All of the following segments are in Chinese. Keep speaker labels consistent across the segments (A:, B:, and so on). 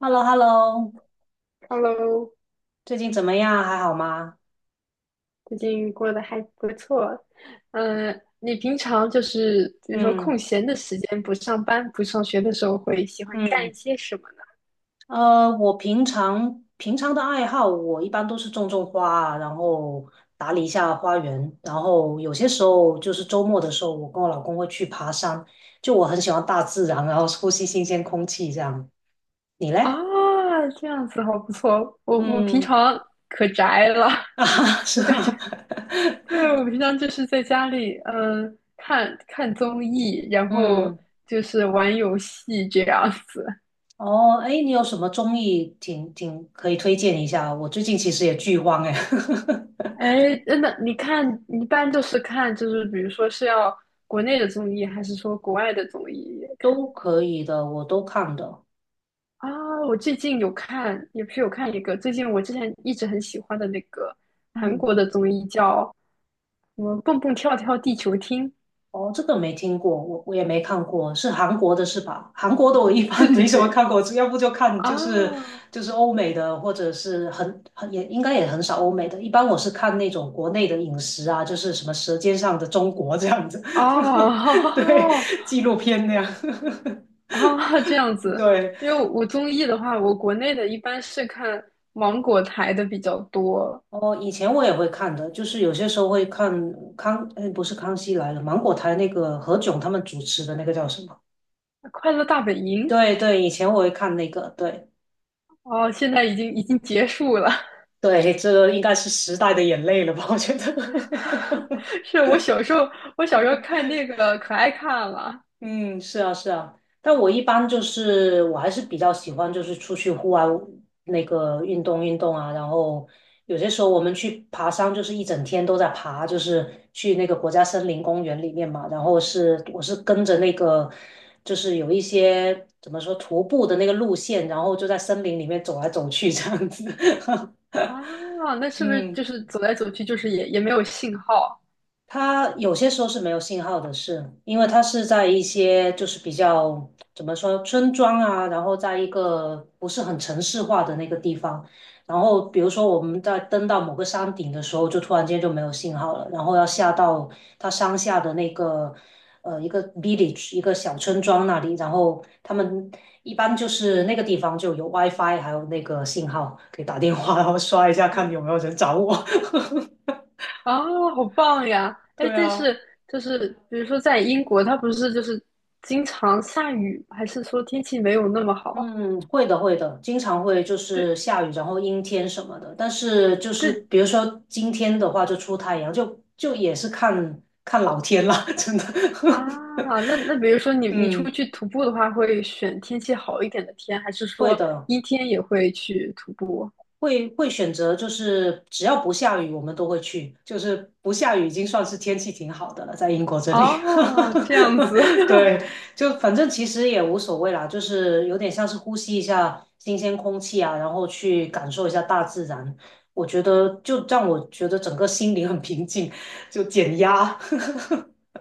A: hello hello
B: Hello，
A: 最近怎么样？还好吗？
B: 最近过得还不错。嗯，你平常就是比如说空
A: 嗯
B: 闲的时间，不上班、不上学的时候，会喜欢干
A: 嗯，
B: 一些什么呢？
A: 我平常的爱好，我一般都是种种花啊。然后打理一下花园，然后有些时候就是周末的时候，我跟我老公会去爬山，就我很喜欢大自然，然后呼吸新鲜空气这样。你
B: 啊，
A: 嘞？
B: 这样子好不错。我平
A: 嗯
B: 常可宅了，
A: 啊，是
B: 我感觉
A: 吗？
B: 对，我平常就是在家里，嗯，看看综艺，然后
A: 嗯，
B: 就是玩游戏这样子。
A: 哦，哎，你有什么综艺挺可以推荐一下？我最近其实也剧荒哎。
B: 哎，真的，你看，你一般就是看，就是比如说是要国内的综艺，还是说国外的综艺也看？
A: 都可以的，我都看的。
B: 啊，我最近有看，也不是有看一个，最近我之前一直很喜欢的那个韩
A: 嗯，
B: 国的综艺叫什么“蹦蹦跳跳地球厅”，
A: 哦，这个没听过，我也没看过，是韩国的是吧？韩国的我一
B: 对
A: 般
B: 对
A: 没什么
B: 对，
A: 看过，只要不就看就是
B: 啊
A: 就是欧美的，或者是很也应该也很少欧美的。一般我是看那种国内的饮食啊，就是什么《舌尖上的中国》这样子，对，
B: 啊
A: 纪录片那样，
B: 这样 子。
A: 对。
B: 因为我综艺的话，我国内的一般是看芒果台的比较多，
A: 哦，以前我也会看的，就是有些时候会看不是《康熙来了》，芒果台那个何炅他们主持的那个叫什么？
B: 《快乐大本营》
A: 对对，以前我会看那个，对
B: 哦，现在已经结束了。
A: 对，这个应该是时代的眼泪了吧？我觉得，
B: 是我小时候，我小时候看那个可爱看了，
A: 嗯，是啊是啊，但我一般就是我还是比较喜欢就是出去户外那个运动运动啊，然后有些时候我们去爬山，就是一整天都在爬，就是去那个国家森林公园里面嘛，然后是我是跟着那个就是有一些怎么说徒步的那个路线，然后就在森林里面走来走去这样子，
B: 啊，那是不是
A: 嗯。
B: 就是走来走去，就是也没有信号？
A: 它有些时候是没有信号的是，因为它是在一些就是比较怎么说村庄啊，然后在一个不是很城市化的那个地方，然后比如说我们在登到某个山顶的时候，就突然间就没有信号了，然后要下到它山下的那个一个 village 一个小村庄那里，然后他们一般就是那个地方就有 WiFi，还有那个信号，可以打电话，然后刷一下看有
B: 啊
A: 没有人找我。
B: 啊，好棒呀！哎，
A: 对
B: 但
A: 啊。
B: 是就是比如说在英国，它不是就是经常下雨，还是说天气没有那么好？
A: 嗯，会的，会的，经常会就
B: 对
A: 是下雨，然后阴天什么的。但是就是
B: 对
A: 比如说今天的话，就出太阳，就也是看看老天啦，真的。
B: 啊，那那比如说你你出
A: 嗯，
B: 去徒步的话，会选天气好一点的天，还是
A: 会
B: 说
A: 的。
B: 阴天也会去徒步？
A: 会选择，就是只要不下雨，我们都会去。就是不下雨已经算是天气挺好的了，在英国这里。
B: 哦，这样子，
A: 对，就反正其实也无所谓啦，就是有点像是呼吸一下新鲜空气啊，然后去感受一下大自然。我觉得就让我觉得整个心灵很平静，就减压。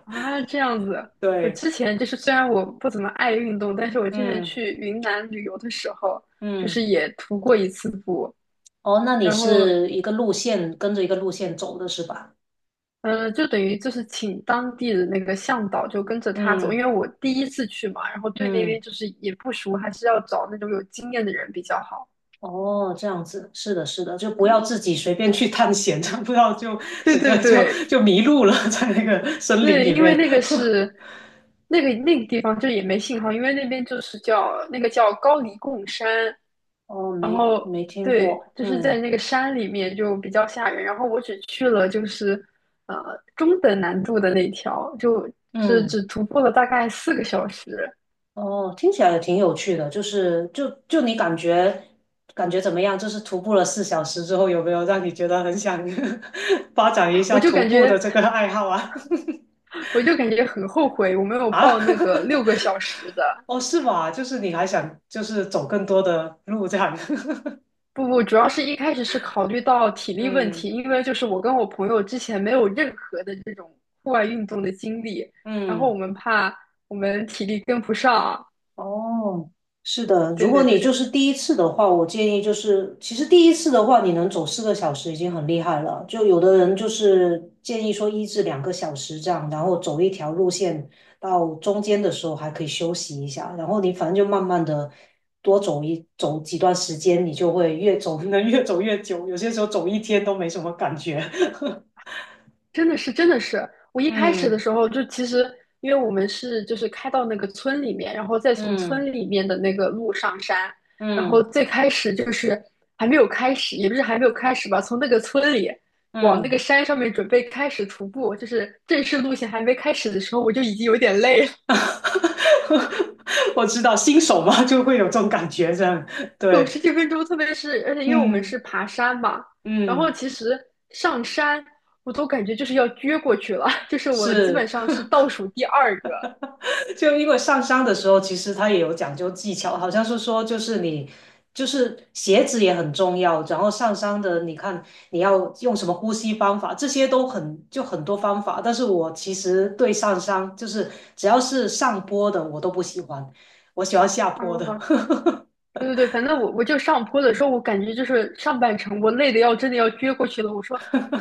B: 啊，这样子。我
A: 对，
B: 之前就是虽然我不怎么爱运动，但是我之前
A: 嗯
B: 去云南旅游的时候，就
A: 嗯，
B: 是也徒过一次步，
A: 哦，那你
B: 然后
A: 是一个路线跟着一个路线走的是吧？
B: 就等于就是请当地的那个向导就跟着他走，因
A: 嗯
B: 为我第一次去嘛，然后对那
A: 嗯。
B: 边就是也不熟，还是要找那种有经验的人比较好。
A: 哦，这样子，是的，是的，就不要自己随便去探险，这样不要就
B: 对
A: 整
B: 对
A: 个就
B: 对，
A: 就迷路了，在那个森林
B: 对，
A: 里
B: 因为
A: 面。
B: 那 个是那个地方就也没信号，因为那边就是叫那个叫高黎贡山，
A: 哦，
B: 然
A: 没
B: 后
A: 没听过，
B: 对，就是在
A: 嗯
B: 那个山里面就比较吓人。然后我只去了就是呃中等难度的那条，就只
A: 嗯，
B: 只徒步了大概四个小时，
A: 哦，听起来也挺有趣的，就是你感觉怎么样？就是徒步了4小时之后，有没有让你觉得很想 发展一
B: 我
A: 下
B: 就
A: 徒
B: 感
A: 步的
B: 觉
A: 这个爱好啊？
B: 我就感觉很后悔，我没 有
A: 啊？
B: 报那个六个小时的。
A: 哦，是吗？就是你还想就是走更多的路这样？
B: 不不，主要是一开始是考虑到体 力问
A: 嗯。
B: 题，因为就是我跟我朋友之前没有任何的这种户外运动的经历，然后我
A: 嗯，
B: 们怕我们体力跟不上。
A: 哦，是的，如
B: 对
A: 果
B: 对
A: 你就
B: 对，
A: 是第一次的话，我建议就是，其实第一次的话，你能走4个小时已经很厉害了。就有的人就是建议说1至2个小时这样，然后走一条路线，到中间的时候还可以休息一下，然后你反正就慢慢的多走一走几段时间，你就会越走 能越走越久，有些时候走一天都没什么感觉。
B: 真的是，真的是，我 一开始的
A: 嗯
B: 时候就其实，因为我们是就是开到那个村里面，然后再从
A: 嗯
B: 村里面的那个路上山，然后
A: 嗯
B: 最开始就是还没有开始，也不是还没有开始吧，从那个村里往那
A: 嗯。
B: 个山上面准备开始徒步，就是正式路线还没开始的时候，我就已经有点累了，
A: 我知道新手嘛，就会有这种感觉，这样
B: 走
A: 对，
B: 十几分钟，特别是而且因为我们
A: 嗯
B: 是爬山嘛，然后
A: 嗯，
B: 其实上山我都感觉就是要撅过去了，就是我基本
A: 是，
B: 上是倒数第二个。
A: 就因为上山的时候，其实它也有讲究技巧，好像是说就是你就是鞋子也很重要，然后上山的你看你要用什么呼吸方法，这些都很就很多方法，但是我其实对上山就是只要是上坡的我都不喜欢，我喜欢下坡
B: 啊。
A: 的。
B: 对对对，反正我就上坡的时候，我感觉就是上半程我累的要真的要撅过去了。我说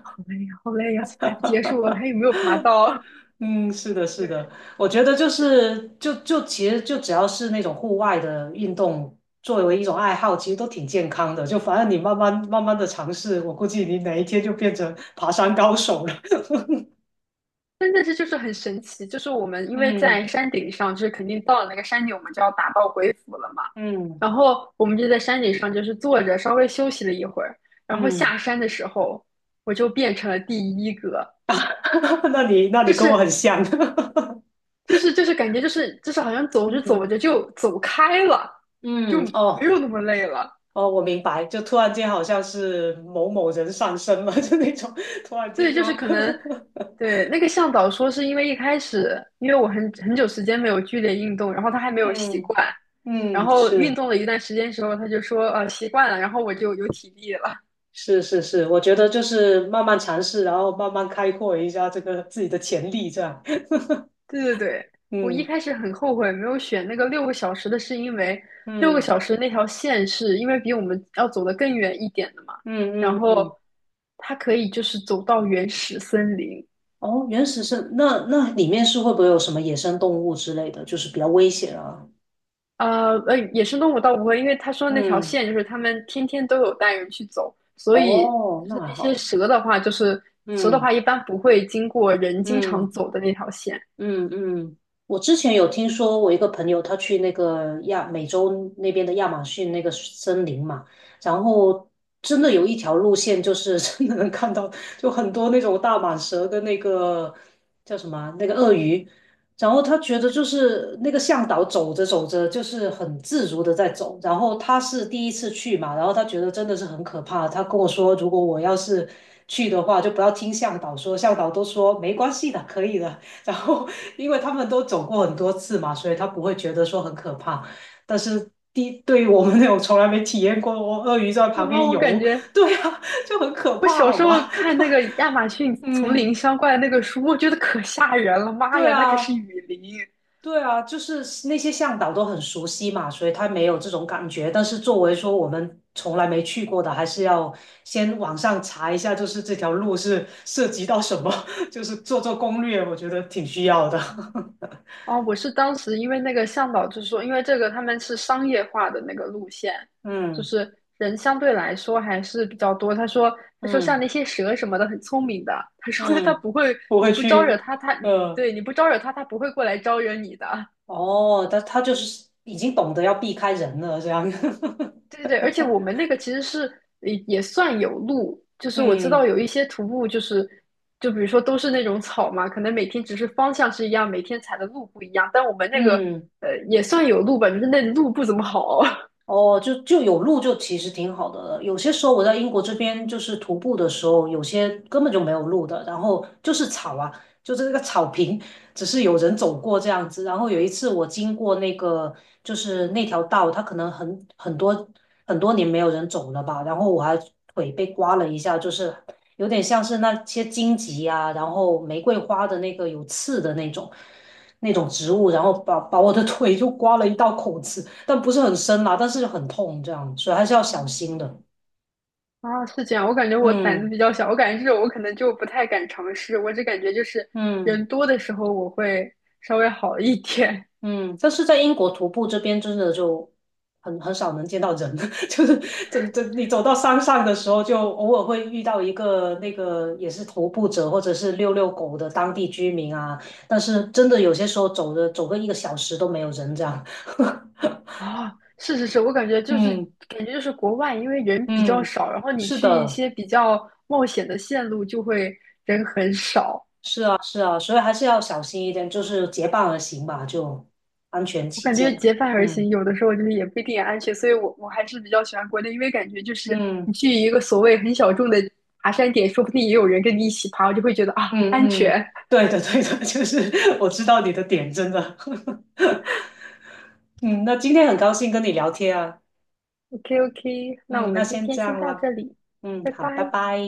B: 好累呀，好累呀，怎么还不结束？啊？还有没有爬到啊？
A: 嗯，是的，是
B: 对
A: 的，我觉得就
B: 对，
A: 是就就其实就只要是那种户外的运动，作为一种爱好，其实都挺健康的。就反正你慢慢慢慢的尝试，我估计你哪一天就变成爬山高手了。
B: 真的是就是很神奇，就是我们因为
A: 嗯
B: 在山顶上，就是肯定到了那个山顶，我们就要打道回府了嘛。
A: 嗯
B: 然后我们就在山顶上就是坐着稍微休息了一会儿，然后
A: 嗯，
B: 下山的时候，我就变成了第一个，
A: 那你
B: 就
A: 跟我
B: 是
A: 很像。
B: 就是感觉就是好像走着走
A: 嗯
B: 着就走开了，就
A: 嗯，
B: 没
A: 哦
B: 有那么累了。
A: 哦，我明白，就突然间好像是某某人上身了，就那种突然间
B: 对，
A: 就，
B: 就是可能，对，那个向导说是因为一开始，因为我很很久时间没有剧烈运动，然后他还 没有习
A: 嗯
B: 惯，然
A: 嗯
B: 后运
A: 是。
B: 动了一段时间之后，他就说习惯了，然后我就有体力了。
A: 是是是，我觉得就是慢慢尝试，然后慢慢开阔一下这个自己的潜力，这样。
B: 对对对，我一
A: 嗯
B: 开始很后悔没有选那个六个小时的，是因为六个
A: 嗯
B: 小时那条线是因为比我们要走得更远一点的嘛，然
A: 嗯嗯
B: 后
A: 嗯。
B: 它可以就是走到原始森林，
A: 哦，原始森，那里面是会不会有什么野生动物之类的，就是比较危险啊？
B: 野生动物倒不会，因为他说那条
A: 嗯，
B: 线就是他们天天都有带人去走，所以
A: 哦，
B: 就
A: 那
B: 是
A: 还
B: 那些
A: 好。
B: 蛇的话，就是蛇的
A: 嗯
B: 话一般不会经过人经
A: 嗯。
B: 常走的那条线。
A: 嗯嗯，我之前有听说，我一个朋友他去那个亚美洲那边的亚马逊那个森林嘛，然后真的有一条路线，就是真的能看到，就很多那种大蟒蛇跟那个叫什么啊那个鳄鱼，然后他觉得就是那个向导走着走着就是很自如的在走，然后他是第一次去嘛，然后他觉得真的是很可怕，他跟我说，如果我要是去的话，就不要听向导说，向导都说没关系的，可以的。然后因为他们都走过很多次嘛，所以他不会觉得说很可怕。但是对于我们那种从来没体验过鳄鱼在旁
B: 哇，
A: 边
B: 我感
A: 游，
B: 觉
A: 对啊，就很可
B: 我
A: 怕，
B: 小
A: 好
B: 时候
A: 吗？
B: 看那个亚马逊 丛
A: 嗯，
B: 林相关的那个书，我觉得可吓人了，妈
A: 对
B: 呀，那可是
A: 啊，
B: 雨林。
A: 对啊，就是那些向导都很熟悉嘛，所以他没有这种感觉。但是作为说我们从来没去过的，还是要先网上查一下，就是这条路是涉及到什么，就是做做攻略，我觉得挺需要的。
B: 哦，我是当时因为那个向导就说，因为这个他们是商业化的那个路线，就
A: 嗯
B: 是人相对来说还是比较多。他说，他说像
A: 嗯。
B: 那些蛇什么的很聪明的，他说他
A: 嗯，
B: 不会，
A: 不
B: 你
A: 会
B: 不招惹
A: 去，
B: 他，他
A: 呃，
B: 对你不招惹他，他不会过来招惹你的。
A: 哦，但他就是已经懂得要避开人了，这样，
B: 对对对，而且我们那个其实是也算有路，就 是我知道
A: 嗯
B: 有一些徒步就是，就比如说都是那种草嘛，可能每天只是方向是一样，每天踩的路不一样，但我们那个
A: 嗯。
B: 也算有路吧，就是那路不怎么好。
A: 哦，就有路就其实挺好的了。有些时候我在英国这边就是徒步的时候，有些根本就没有路的，然后就是草啊，就是那个草坪，只是有人走过这样子。然后有一次我经过那个就是那条道，它可能很多很多年没有人走了吧，然后我还腿被刮了一下，就是有点像是那些荆棘啊，然后玫瑰花的那个有刺的那种。那种植物，然后把我的腿 就刮了一道口子，但不是很深啦，但是就很痛，这样，所以还是要小心的。
B: 啊，是这样，我感觉我胆子
A: 嗯
B: 比较小，我感觉这种我可能就不太敢尝试。我只感觉就是
A: 嗯
B: 人多的时候我会稍微好一点
A: 嗯，但是在英国徒步这边真的就很少能见到人，就是这你走到山上的时候，就偶尔会遇到一个那个也是徒步者或者是遛遛狗的当地居民啊，但是真的有些时候走的走个1个小时都没有人这样。
B: 啊。是是是，我感觉就是
A: 嗯
B: 国外，因为人比较
A: 嗯，
B: 少，然后你
A: 是
B: 去一
A: 的。
B: 些比较冒险的线路就会人很少。
A: 是啊，是啊，所以还是要小心一点，就是结伴而行吧，就安全
B: 我
A: 起
B: 感觉
A: 见。
B: 结伴而行，
A: 嗯
B: 有的时候就是也不一定安全，所以我还是比较喜欢国内，因为感觉就是你
A: 嗯
B: 去一个所谓很小众的爬山点，说不定也有人跟你一起爬，我就会觉得啊
A: 嗯
B: 安
A: 嗯，
B: 全。
A: 对的对的，就是我知道你的点，真的。嗯，那今天很高兴跟你聊天啊。
B: OK OK，那我
A: 嗯，那
B: 们今
A: 先
B: 天
A: 这
B: 先
A: 样
B: 到
A: 啦。
B: 这里，
A: 嗯，
B: 拜
A: 好，拜
B: 拜。
A: 拜。